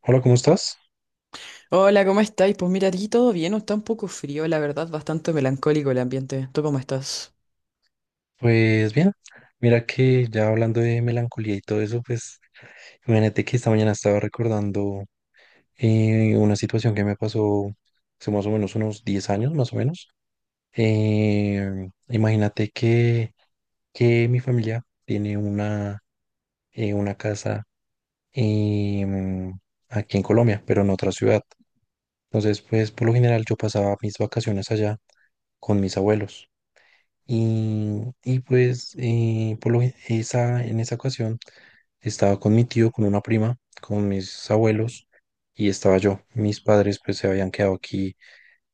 Hola, ¿cómo estás? Hola, ¿cómo estáis? Pues mira, aquí todo bien, está un poco frío, la verdad, bastante melancólico el ambiente. ¿Tú cómo estás? Pues bien, mira que ya hablando de melancolía y todo eso, pues imagínate que esta mañana estaba recordando una situación que me pasó hace más o menos unos 10 años, más o menos. Eh, Imagínate que mi familia tiene una casa em, aquí en Colombia, pero en otra ciudad. Entonces, pues por lo general yo pasaba mis vacaciones allá con mis abuelos. Y pues por en esa ocasión estaba con mi tío, con una prima, con mis abuelos y estaba yo. Mis padres pues se habían quedado aquí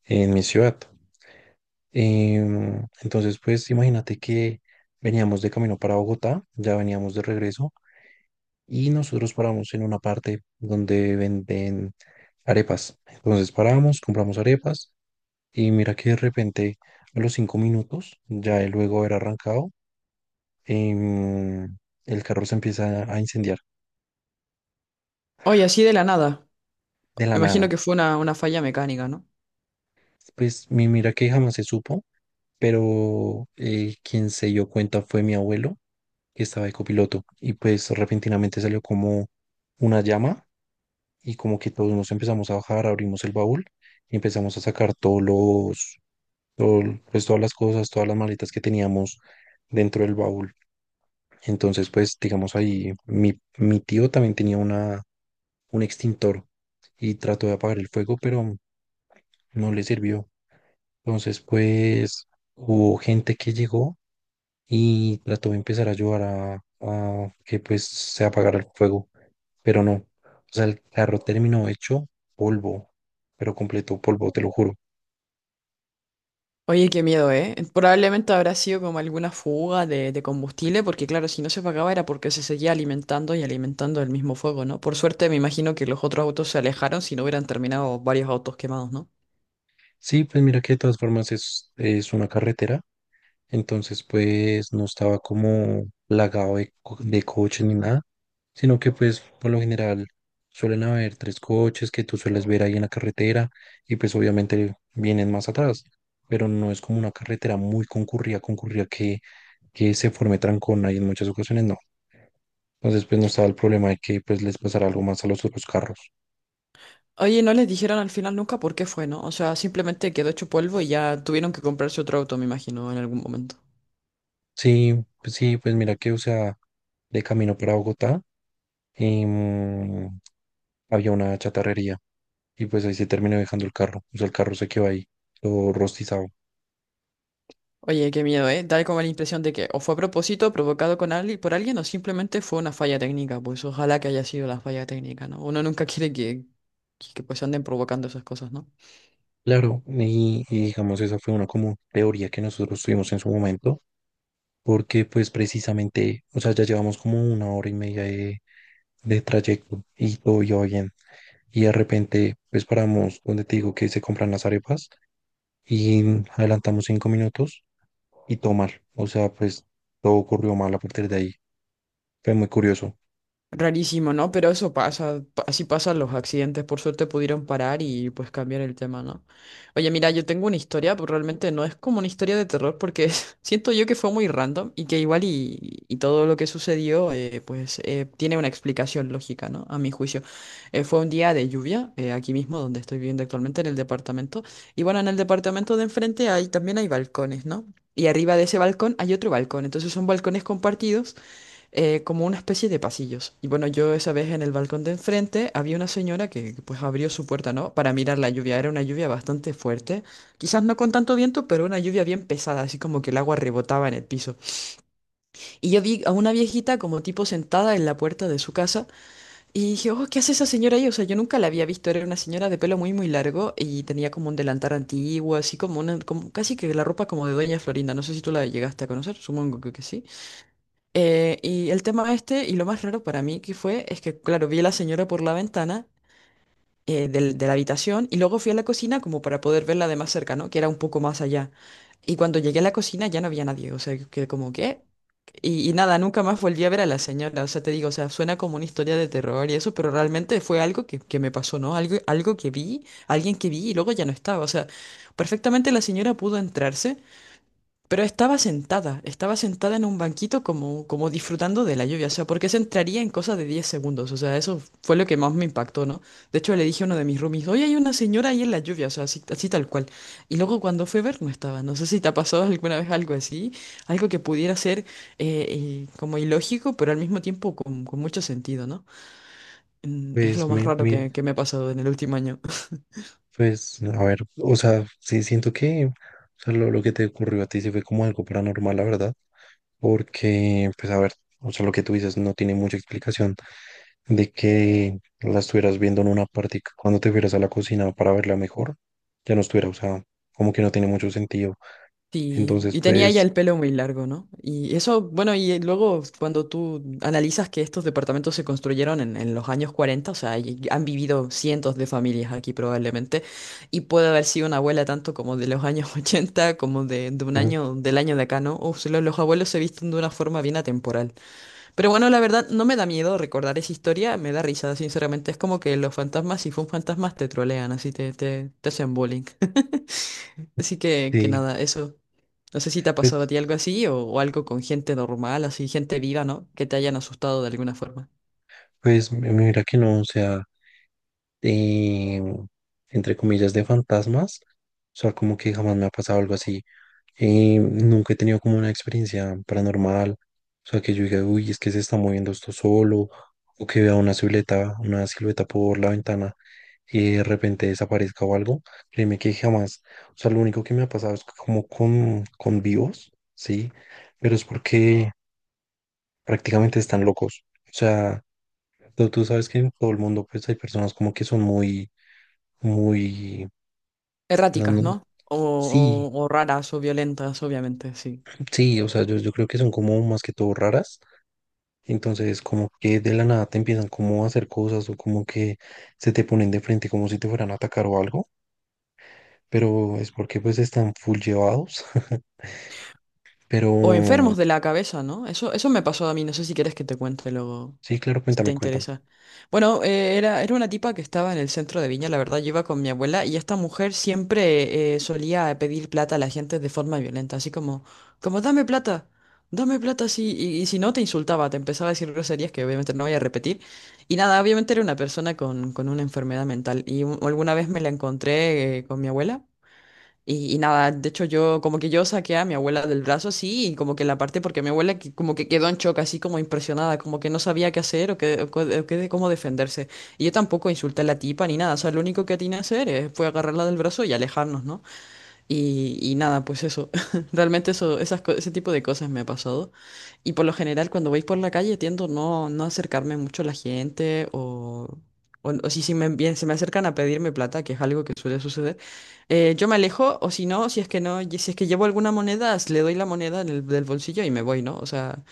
en mi ciudad. Entonces pues imagínate que veníamos de camino para Bogotá, ya veníamos de regreso y nosotros paramos en una parte donde venden arepas. Entonces paramos, compramos arepas y mira que de repente a los 5 minutos, ya el luego haber arrancado, em, el carro se empieza a incendiar Oye, así de la nada. de la Me imagino nada. que fue una falla mecánica, ¿no? Pues mi mira que jamás se supo, pero quien se dio cuenta fue mi abuelo, que estaba de copiloto, y pues repentinamente salió como una llama y como que todos nos empezamos a bajar, abrimos el baúl y empezamos a sacar todo- pues todas las cosas, todas las maletas que teníamos dentro del baúl. Entonces, pues digamos ahí, mi tío también tenía una un extintor y trató de apagar el fuego, pero no le sirvió. Entonces, pues hubo gente que llegó y trató de empezar a ayudar a que pues se apagara el fuego, pero no. O sea, el carro terminó hecho polvo, pero completo polvo, te lo juro. Oye, qué miedo, ¿eh? Probablemente habrá sido como alguna fuga de combustible, porque claro, si no se apagaba era porque se seguía alimentando y alimentando el mismo fuego, ¿no? Por suerte me imagino que los otros autos se alejaron si no hubieran terminado varios autos quemados, ¿no? Sí, pues mira que de todas formas es una carretera. Entonces, pues no estaba como plagado de coches ni nada, sino que pues por lo general suelen haber tres coches que tú sueles ver ahí en la carretera y pues obviamente vienen más atrás, pero no es como una carretera muy concurrida, concurrida que se forme trancón ahí en muchas ocasiones, no. Entonces, pues no estaba el problema de que pues les pasara algo más a los otros carros. Oye, no les dijeron al final nunca por qué fue, ¿no? O sea, simplemente quedó hecho polvo y ya tuvieron que comprarse otro auto, me imagino, en algún momento. Sí, pues mira que, o sea, de camino para Bogotá, em, había una chatarrería y pues ahí se terminó dejando el carro. O sea, el carro se quedó ahí, todo rostizado. Oye, qué miedo, ¿eh? Dar como la impresión de que o fue a propósito, provocado con alguien, por alguien, o simplemente fue una falla técnica. Pues ojalá que haya sido la falla técnica, ¿no? Uno nunca quiere que pues anden provocando esas cosas, ¿no? Claro, y digamos, esa fue una como teoría que nosotros tuvimos en su momento, porque pues precisamente, o sea, ya llevamos como una hora y media de trayecto y todo iba bien. Y de repente, pues paramos donde te digo que se compran las arepas y adelantamos 5 minutos y todo mal. O sea, pues todo ocurrió mal a partir de ahí. Fue muy curioso. Rarísimo, ¿no? Pero eso pasa, así pasan los accidentes, por suerte pudieron parar y pues cambiar el tema, ¿no? Oye, mira, yo tengo una historia, pero realmente no es como una historia de terror porque siento yo que fue muy random y que igual y todo lo que sucedió pues tiene una explicación lógica, ¿no? A mi juicio. Fue un día de lluvia, aquí mismo donde estoy viviendo actualmente en el departamento y bueno, en el departamento de enfrente hay, también hay balcones, ¿no? Y arriba de ese balcón hay otro balcón, entonces son balcones compartidos como una especie de pasillos. Y bueno, yo esa vez en el balcón de enfrente había una señora que pues abrió su puerta, ¿no? Para mirar la lluvia. Era una lluvia bastante fuerte. Quizás no con tanto viento, pero una lluvia bien pesada, así como que el agua rebotaba en el piso. Y yo vi a una viejita como tipo sentada en la puerta de su casa y dije, oh, ¿qué hace esa señora ahí? O sea, yo nunca la había visto. Era una señora de pelo muy, muy largo y tenía como un delantal antiguo, así como una, como casi que la ropa como de Doña Florinda. No sé si tú la llegaste a conocer, supongo que sí. Y el tema este, y lo más raro para mí que fue, es que, claro, vi a la señora por la ventana de la habitación y luego fui a la cocina como para poder verla de más cerca, ¿no? Que era un poco más allá. Y cuando llegué a la cocina ya no había nadie, o sea, que como que... Y nada, nunca más volví a ver a la señora, o sea, te digo, o sea, suena como una historia de terror y eso, pero realmente fue algo que me pasó, ¿no? Algo, algo que vi, alguien que vi y luego ya no estaba, o sea, perfectamente la señora pudo entrarse. Pero estaba sentada en un banquito como, como disfrutando de la lluvia, o sea, porque se entraría en cosa de 10 segundos, o sea, eso fue lo que más me impactó, ¿no? De hecho, le dije a uno de mis roomies, oye, hay una señora ahí en la lluvia, o sea, así, así tal cual. Y luego cuando fue a ver, no estaba, no sé si te ha pasado alguna vez algo así, algo que pudiera ser como ilógico, pero al mismo tiempo con mucho sentido, ¿no? Es Pues lo más me, raro me, que me ha pasado en el último año. Pues, a ver, o sea, sí siento que o sea, lo que te ocurrió a ti sí fue como algo paranormal, la verdad, porque, pues, a ver, o sea, lo que tú dices no tiene mucha explicación de que la estuvieras viendo en una parte y que cuando te fueras a la cocina para verla mejor, ya no estuviera, o sea, como que no tiene mucho sentido. Sí, Entonces, y tenía ya pues, el pelo muy largo, ¿no? Y eso, bueno, y luego cuando tú analizas que estos departamentos se construyeron en los años 40, o sea, y han vivido cientos de familias aquí probablemente, y puede haber sido una abuela tanto como de los años 80, como de un ujú, año, del año de acá, ¿no? O sea, los abuelos se visten de una forma bien atemporal. Pero bueno, la verdad, no me da miedo recordar esa historia, me da risa, sinceramente. Es como que los fantasmas, si fue un fantasma, te trolean, así te hacen bullying. Así que sí, nada, eso. No sé si te ha pasado a pues, ti algo así o algo con gente normal, así, gente viva, ¿no? Que te hayan asustado de alguna forma. pues, mira que no, o sea. eh, Entre comillas, de fantasmas. O sea, como que jamás me ha pasado algo así. Nunca he tenido como una experiencia paranormal. O sea, que yo diga, uy, es que se está moviendo esto solo. O que vea una silueta por la ventana y de repente desaparezca o algo. Créeme que jamás. O sea, lo único que me ha pasado es como con vivos, ¿sí? Pero es porque prácticamente están locos. O sea, tú sabes que en todo el mundo pues hay personas como que son muy... no, Erráticas, no, ¿no? O, sí, o raras o violentas, obviamente, sí. sí, o sea, yo creo que son como más que todo raras. Entonces, como que de la nada te empiezan como a hacer cosas o como que se te ponen de frente como si te fueran a atacar o algo. Pero es porque pues están full llevados. Pero O enfermos de la cabeza, ¿no? Eso me pasó a mí, no sé si quieres que te cuente luego, sí, claro, si te cuéntame, cuéntame. interesa. Bueno, era una tipa que estaba en el centro de Viña, la verdad, yo iba con mi abuela y esta mujer siempre solía pedir plata a la gente de forma violenta, así como, como dame plata, sí, y si no te insultaba, te empezaba a decir groserías que obviamente no voy a repetir. Y nada, obviamente era una persona con una enfermedad mental y alguna vez me la encontré con mi abuela. Y nada, de hecho yo como que yo saqué a mi abuela del brazo así y como que la parte porque mi abuela como que quedó en shock así como impresionada, como que no sabía qué hacer o qué, o qué de cómo defenderse. Y yo tampoco insulté a la tipa ni nada, o sea, lo único que tenía que hacer fue agarrarla del brazo y alejarnos, ¿no? Y nada, pues eso. Realmente eso, ese tipo de cosas me ha pasado. Y por lo general, cuando voy por la calle, tiendo no acercarme mucho a la gente o, o si, si me, bien, se me acercan a pedirme plata, que es algo que suele suceder, yo me alejo o si no, si es que no, y si es que llevo alguna moneda, le doy la moneda en el, del bolsillo y me voy, ¿no? O sea,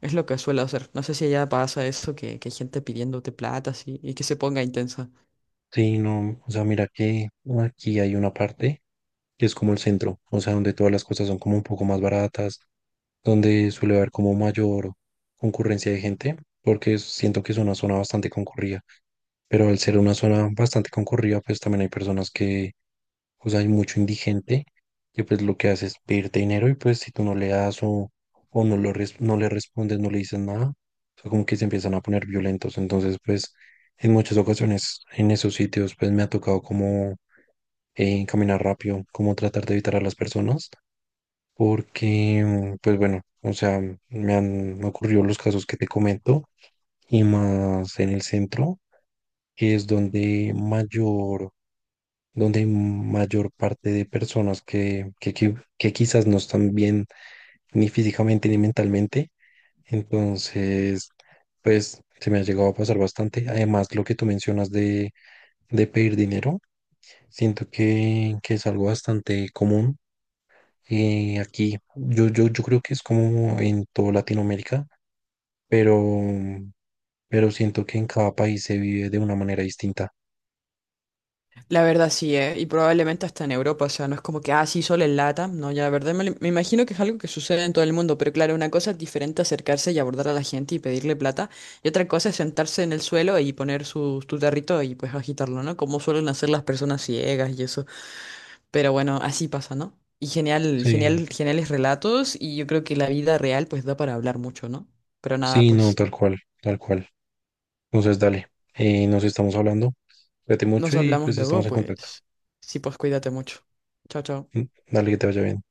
es lo que suelo hacer. No sé si allá pasa eso, que hay gente pidiéndote plata así, y que se ponga intensa. Sí, no, o sea, mira que aquí hay una parte que es como el centro, o sea, donde todas las cosas son como un poco más baratas, donde suele haber como mayor concurrencia de gente, porque siento que es una zona bastante concurrida, pero al ser una zona bastante concurrida, pues también hay pues hay mucho indigente, que pues lo que hace es pedirte dinero y pues si tú no le das o no, lo res- no le respondes, no le dices nada, o sea, como que se empiezan a poner violentos, entonces pues en muchas ocasiones en esos sitios pues me ha tocado como caminar rápido, como tratar de evitar a las personas porque, pues bueno, o sea, me han me ocurrido los casos que te comento y más en el centro, que es donde mayor, donde hay mayor parte de personas que quizás no están bien ni físicamente ni mentalmente. Entonces, pues se me ha llegado a pasar bastante. Además, lo que tú mencionas de pedir dinero, siento que es algo bastante común. Aquí, yo creo que es como en toda Latinoamérica, pero, pero siento que en cada país se vive de una manera distinta. La verdad sí, ¿eh? Y probablemente hasta en Europa, o sea, no es como que, ah, sí, solo en LATAM, no, ya la verdad me, me imagino que es algo que sucede en todo el mundo, pero claro, una cosa es diferente acercarse y abordar a la gente y pedirle plata, y otra cosa es sentarse en el suelo y poner su, tu tarrito y pues agitarlo, ¿no? Como suelen hacer las personas ciegas y eso, pero bueno, así pasa, ¿no? Y genial, Sí, genial, geniales relatos, y yo creo que la vida real pues da para hablar mucho, ¿no? Pero nada, sí, no, pues, tal cual, tal cual. Entonces, dale, nos estamos hablando, cuídate mucho nos y hablamos pues estamos luego, en contacto. pues, sí, pues cuídate mucho. Chao, chao. Mm, dale, que te vaya bien.